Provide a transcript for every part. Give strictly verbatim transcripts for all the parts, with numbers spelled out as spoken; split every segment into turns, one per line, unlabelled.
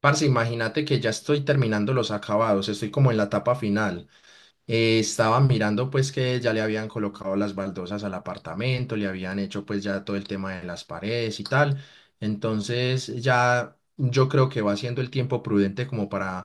Parce, imagínate que ya estoy terminando los acabados, estoy como en la etapa final. Eh, estaba mirando pues que ya le habían colocado las baldosas al apartamento, le habían hecho pues ya todo el tema de las paredes y tal. Entonces ya yo creo que va siendo el tiempo prudente como para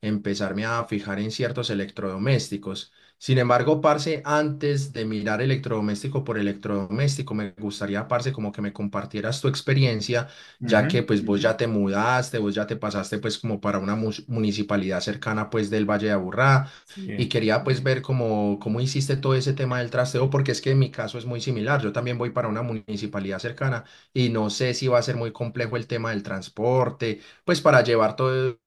empezarme a fijar en ciertos electrodomésticos. Sin embargo, parce, antes de mirar electrodoméstico por electrodoméstico, me gustaría, parce, como que me compartieras tu experiencia, ya
Ujú.
que pues vos ya te mudaste, vos ya te pasaste pues como para una mus- municipalidad cercana pues del Valle de Aburrá y
Sí.
quería pues ver cómo, cómo hiciste todo ese tema del trasteo, porque es que en mi caso es muy similar. Yo también voy para una municipalidad cercana y no sé si va a ser muy complejo el tema del transporte, pues para llevar todos,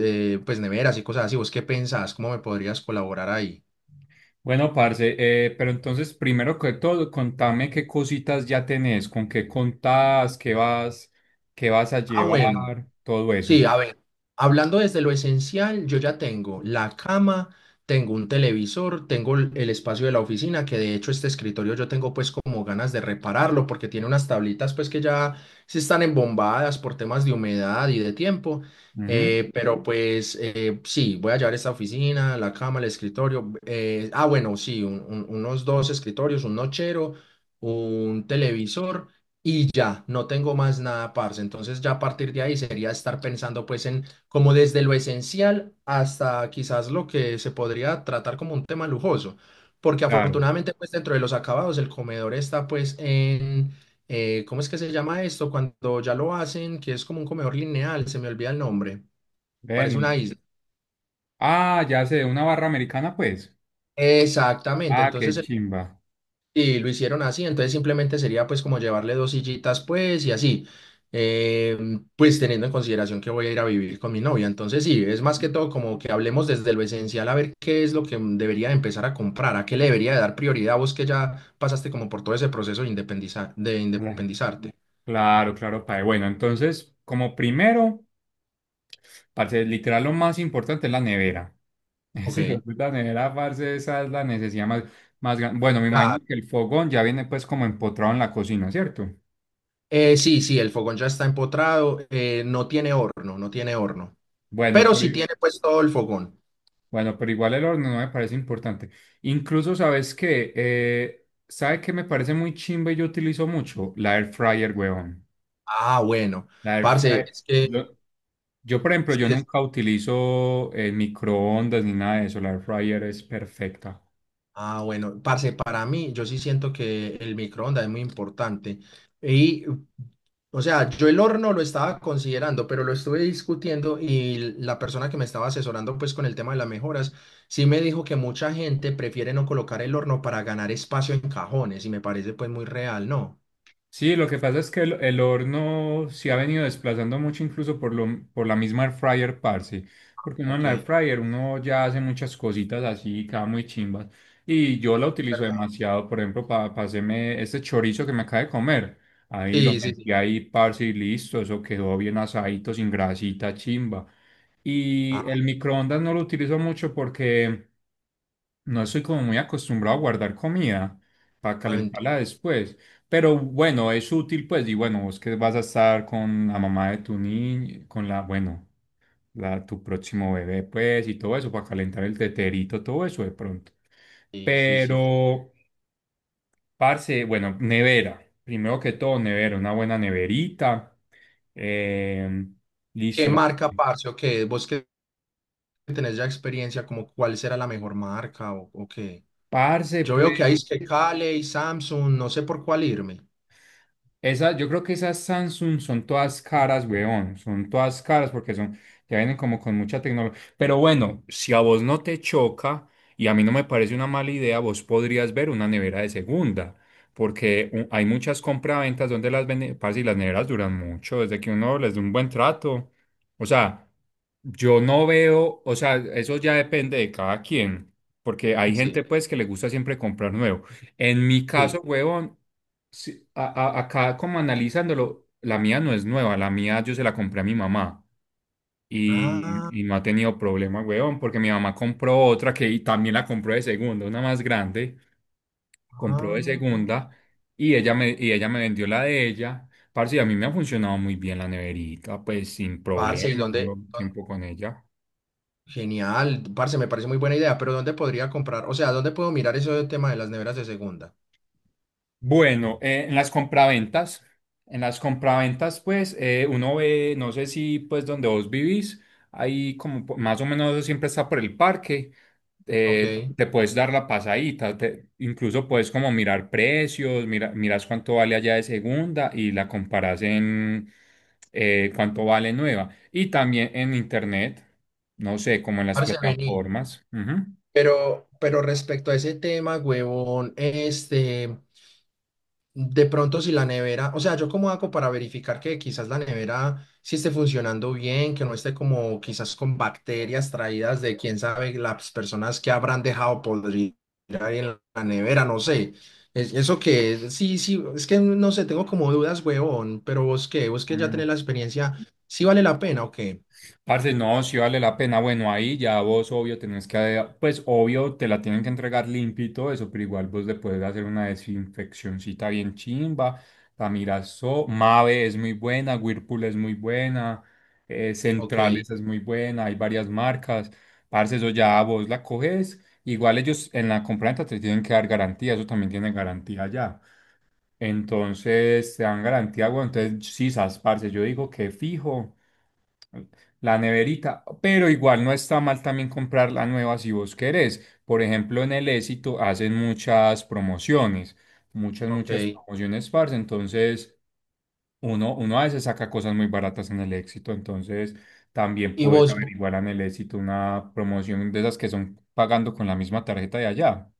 eh, pues neveras y cosas así. ¿Vos qué pensás? ¿Cómo me podrías colaborar ahí?
Bueno, parce, eh, pero entonces, primero que todo, contame qué cositas ya tenés, con qué contás, qué vas, qué vas a
Ah, bueno.
llevar, todo eso.
Sí, a ver, hablando desde lo esencial, yo ya tengo la cama, tengo un televisor, tengo el el espacio de la oficina, que de hecho este escritorio yo tengo pues como ganas de repararlo porque tiene unas tablitas pues que ya se están embombadas por temas de humedad y de tiempo,
Ujú.
eh, pero pues eh, sí, voy a llevar esta oficina, la cama, el escritorio, eh, ah bueno, sí, un- un- unos dos escritorios, un nochero, un televisor y ya, no tengo más nada, parce. Entonces ya a partir de ahí sería estar pensando pues en como desde lo esencial hasta quizás lo que se podría tratar como un tema lujoso, porque
Claro.
afortunadamente pues dentro de los acabados el comedor está pues en, eh, ¿cómo es que se llama esto? Cuando ya lo hacen, que es como un comedor lineal, se me olvida el nombre, parece
Bueno.
una isla.
Ah, ya sé, una barra americana, pues.
Exactamente,
Ah, qué
entonces el
chimba.
Y lo hicieron así, entonces simplemente sería pues como llevarle dos sillitas pues y así, Em, pues teniendo en consideración que voy a ir a vivir con mi novia, entonces sí, es más que
Ujú.
todo como que hablemos desde lo esencial a ver qué es lo que debería empezar a comprar, a qué le debería dar prioridad vos que ya pasaste como por todo ese proceso de independizar, de
Cla-
independizarte.
Claro, claro, padre. Bueno, entonces, como primero, parce, literal lo más importante es la nevera.
Ok.
Sí, puta nevera, parce, esa es la necesidad más, más grande. Bueno, me imagino
Claro.
que el fogón ya viene pues como empotrado en la cocina, ¿cierto?
Eh, sí, sí, el fogón ya está empotrado, eh, no tiene horno, no tiene horno,
Bueno,
pero
pero,
sí
i-
tiene pues todo el fogón.
bueno, pero igual el horno no me parece importante. Incluso, ¿sabes qué? Eh, ¿sabe qué me parece muy chimba y yo utilizo mucho? La air fryer, huevón.
Ah, bueno,
La air
parce,
fryer.
es que...
Yo, yo, por ejemplo,
sí,
yo nunca utilizo eh, microondas ni nada de eso. La air fryer es perfecta.
Ah, bueno, parce, para mí, yo sí siento que el microondas es muy importante. Y, o sea, yo el horno lo estaba considerando, pero lo estuve discutiendo y la persona que me estaba asesorando, pues, con el tema de las mejoras, sí me dijo que mucha gente prefiere no colocar el horno para ganar espacio en cajones y me parece, pues, muy real, ¿no?
Sí, lo que pasa es que el, el horno se ha venido desplazando mucho incluso por, lo, por la misma air fryer, parce. Porque uno en
Ok,
la air
es
fryer uno ya hace muchas cositas así, cada muy chimbas. Y yo la utilizo
verdad.
demasiado, por ejemplo, para hacerme este chorizo que me acaba de comer. Ahí lo
Sí, sí, sí.
metí ahí, parce, y listo. Eso quedó bien asadito, sin grasita, chimba. Y
Ah,
el microondas no lo utilizo mucho porque no soy como muy acostumbrado a guardar comida para
ah,
calentarla
mentira.
después, pero bueno, es útil pues. Y bueno, vos que vas a estar con la mamá de tu niño, con la, bueno, la, tu próximo bebé pues y todo eso, para calentar el teterito, todo eso de pronto.
Sí, sí, sí.
Pero, parce, bueno, nevera, primero que todo nevera, una buena neverita, eh,
¿Qué
listo, la,
marca, parce, o qué? ¿Vos que tenés ya experiencia, como cuál será la mejor marca o, o qué?
parce
Yo veo
pues.
que hay es que Cale, Samsung, no sé por cuál irme.
Esa, yo creo que esas Samsung son todas caras, weón. Son todas caras porque son, ya vienen como con mucha tecnología. Pero bueno, si a vos no te choca y a mí no me parece una mala idea, vos podrías ver una nevera de segunda. Porque u- hay muchas compraventas donde las venden, parce, y las neveras duran mucho, desde que uno les da un buen trato. O sea, yo no veo, o sea, eso ya depende de cada quien. Porque hay gente
Sí,
pues que le gusta siempre comprar nuevo. En mi caso,
sí.
huevón, sí, a- a- acá como analizándolo, la mía no es nueva, la mía yo se la compré a mi mamá
Ah,
y, y no ha tenido problema, huevón, porque mi mamá compró otra que y también la compró de segunda, una más grande, compró de
ah.
segunda y ella me, y ella me vendió la de ella. Parce, y a mí me ha funcionado muy bien la neverita, pues sin
Parce, ¿y
problemas, yo
dónde? dónde-
tiempo con ella.
Genial, parce, me parece muy buena idea, pero ¿dónde podría comprar? O sea, ¿dónde puedo mirar eso del tema de las neveras de segunda?
Bueno, eh, en las compraventas, en las compraventas, pues eh, uno ve, no sé si pues donde vos vivís, ahí como po- más o menos eso siempre está por el parque, eh,
Ok.
te puedes dar la pasadita, te- incluso puedes como mirar precios, mira, miras cuánto vale allá de segunda y la comparas en eh, cuánto vale nueva. Y también en internet, no sé, como en las
Parce, vení.
plataformas. Ujú.
Pero, pero respecto a ese tema, huevón, este. De pronto si la nevera, o sea, yo cómo hago para verificar que quizás la nevera sí esté funcionando bien, que no esté como quizás con bacterias traídas de quién sabe las personas que habrán dejado podrir ahí en la nevera, no sé. Es, eso que, es? Sí, sí, es que no sé, tengo como dudas, huevón, pero vos qué, vos que ya tenés la experiencia, ¿sí vale la pena o qué?
Parce, no, si vale la pena. Bueno, ahí ya vos, obvio, tenés que, pues, obvio, te la tienen que entregar limpio y todo eso, pero igual vos le puedes hacer una desinfeccioncita bien chimba. La Mirazo, Mave es muy buena, Whirlpool es muy buena, eh,
Ok,
Centrales es muy buena, hay varias marcas. Parce, eso ya vos la coges. Igual ellos en la compraventa te tienen que dar garantía, eso también tiene garantía ya. Entonces, te dan garantía, bueno, entonces, sí, sas, parce, yo digo que fijo. La neverita, pero igual no está mal también comprar la nueva si vos querés. Por ejemplo, en el Éxito hacen muchas promociones, muchas, muchas
ok.
promociones, parce. Entonces, uno, uno a veces saca cosas muy baratas en el Éxito. Entonces, también
¿Y
puedes
vos?
averiguar en el Éxito una promoción de esas que son pagando con la misma tarjeta de allá.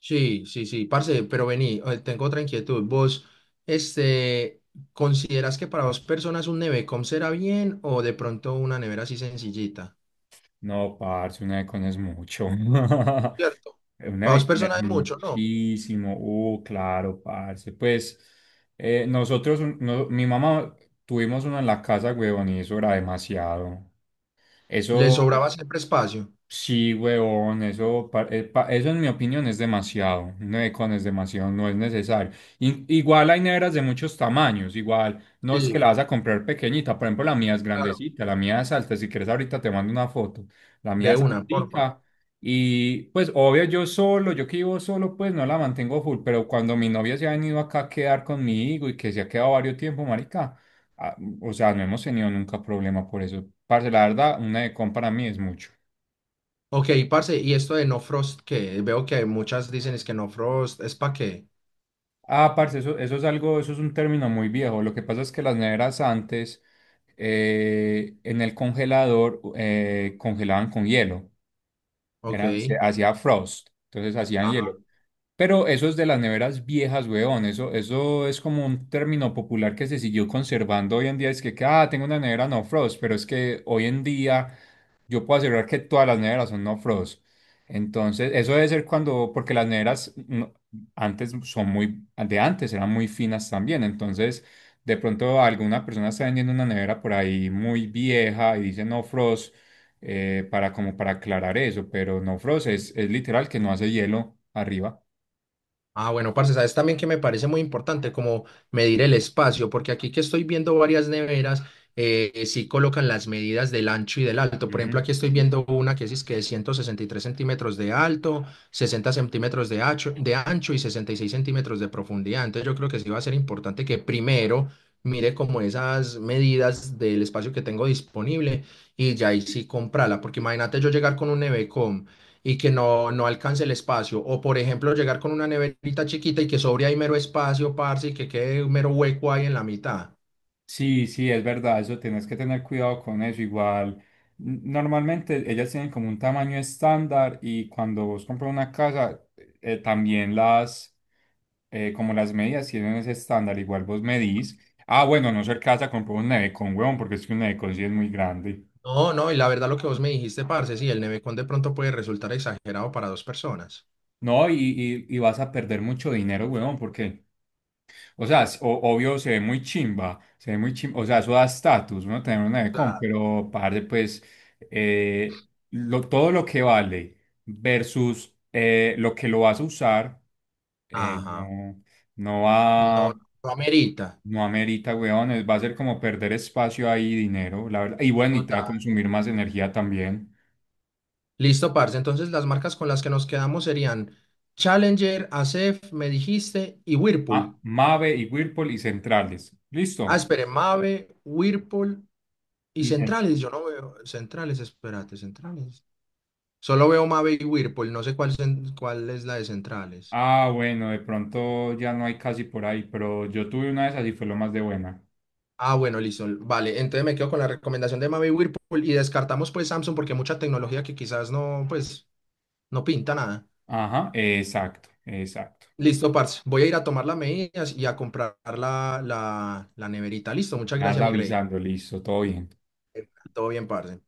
Sí, sí, sí, parce, pero vení, eh, tengo otra inquietud. ¿Vos, este, ¿considerás que para dos personas un nevecom será bien o de pronto una nevera así sencillita?
No, parce, una de con es mucho.
Cierto.
Eh, una
Para dos
vecina es
personas es mucho, ¿no?
muchísimo. Uh, claro, parce. Pues eh, nosotros, un- no- mi mamá, tuvimos una en la casa, huevón, y eso era demasiado. Mm.
Le
Eso,
sobraba siempre espacio.
sí, huevón, eso, pa- eh, pa- eso en mi opinión es demasiado, no es con es demasiado, no es necesario. In- igual hay neveras de muchos tamaños, igual no es que la
Sí,
vas a comprar pequeñita, por ejemplo la mía es
claro.
grandecita, la mía es alta, si quieres ahorita te mando una foto, la mía
De
es
una, porfa.
altica y pues obvio yo solo, yo que vivo solo pues no la mantengo full, pero cuando mi novia se ha venido acá a quedar conmigo y que se ha quedado varios tiempo, marica, ah, o sea, no hemos tenido nunca problema por eso. Parce, la verdad, una de para mí es mucho.
Ok, parce, ¿y esto de no frost qué? Veo que muchas dicen es que no frost, ¿es para qué?
Ah, parce, eso, eso es algo, eso es un término muy viejo. Lo que pasa es que las neveras antes eh, en el congelador eh, congelaban con hielo, eran, se
Ok.
hacía frost, entonces hacían hielo. Pero eso es de las neveras viejas, weón. Eso, eso es como un término popular que se siguió conservando hoy en día. Es que, que, ah, tengo una nevera no frost, pero es que hoy en día yo puedo asegurar que todas las neveras son no frost. Entonces, eso debe ser cuando, porque las neveras no- antes son muy, de antes eran muy finas también. Entonces, de pronto alguna persona está vendiendo una nevera por ahí muy vieja y dice no frost eh, para como para aclarar eso, pero no frost es, es literal que no hace hielo arriba.
Ah, bueno, parce, sabes también que me parece muy importante como medir el espacio, porque aquí que estoy viendo varias neveras, eh, sí colocan las medidas del ancho y del alto. Por
Ujú.
ejemplo, aquí estoy viendo una que es que de ciento sesenta y tres centímetros de alto, sesenta centímetros de ancho, de ancho y sesenta y seis centímetros de profundidad. Entonces yo creo que sí va a ser importante que primero mire como esas medidas del espacio que tengo disponible y ya ahí sí comprarla, porque imagínate yo llegar con un nevecom y que no, no alcance el espacio. O por ejemplo, llegar con una neverita chiquita y que sobre ahí mero espacio, parce, y que quede un mero hueco ahí en la mitad.
Sí, sí, es verdad, eso tenés que tener cuidado con eso. Igual, n- normalmente ellas tienen como un tamaño estándar, y cuando vos compras una casa, eh, también las, eh, como las medidas tienen ese estándar, igual vos medís. Ah, bueno, a no ser casa, compró un nevecón, huevón, porque es que un nevecón sí es muy grande.
No, no, y la verdad lo que vos me dijiste, parce, sí, el nevecón de pronto puede resultar exagerado para dos personas.
No, y, y, y vas a perder mucho dinero, huevón, porque, o sea, s- o- obvio se ve muy chimba, se ve muy chimba, o sea, eso da estatus, uno tener una Becom,
Claro.
pero parce, pues, eh, lo- todo lo que vale versus eh, lo que lo vas a usar, eh,
Ajá.
no, no va,
No, no amerita.
no amerita, weón, es- va a ser como perder espacio ahí, y dinero, la verdad, y bueno, y te va a
Total.
consumir más energía también.
Listo, parce. Entonces las marcas con las que nos quedamos serían Challenger, Acef me dijiste, y
Ah,
Whirlpool.
Mave y Whirlpool y centrales,
Ah,
listo.
espere, Mave, Whirlpool y
Y
Centrales. Yo no veo Centrales, espérate, Centrales. Solo veo Mave y Whirlpool, no sé cuál, cen- cuál es la de centrales.
ah, bueno, de pronto ya no hay casi por ahí, pero yo tuve una de esas y fue lo más de buena.
Ah, bueno, listo. Vale, entonces me quedo con la recomendación de Mave y Whirlpool y descartamos pues Samsung porque hay mucha tecnología que quizás no, pues, no pinta nada.
Ajá, exacto, exacto.
Listo, parce. Voy a ir a tomar las medidas y a comprar la, la, la neverita. Listo, muchas
Me vas
gracias, mi rey.
avisando, listo, todo bien.
Todo bien, parce.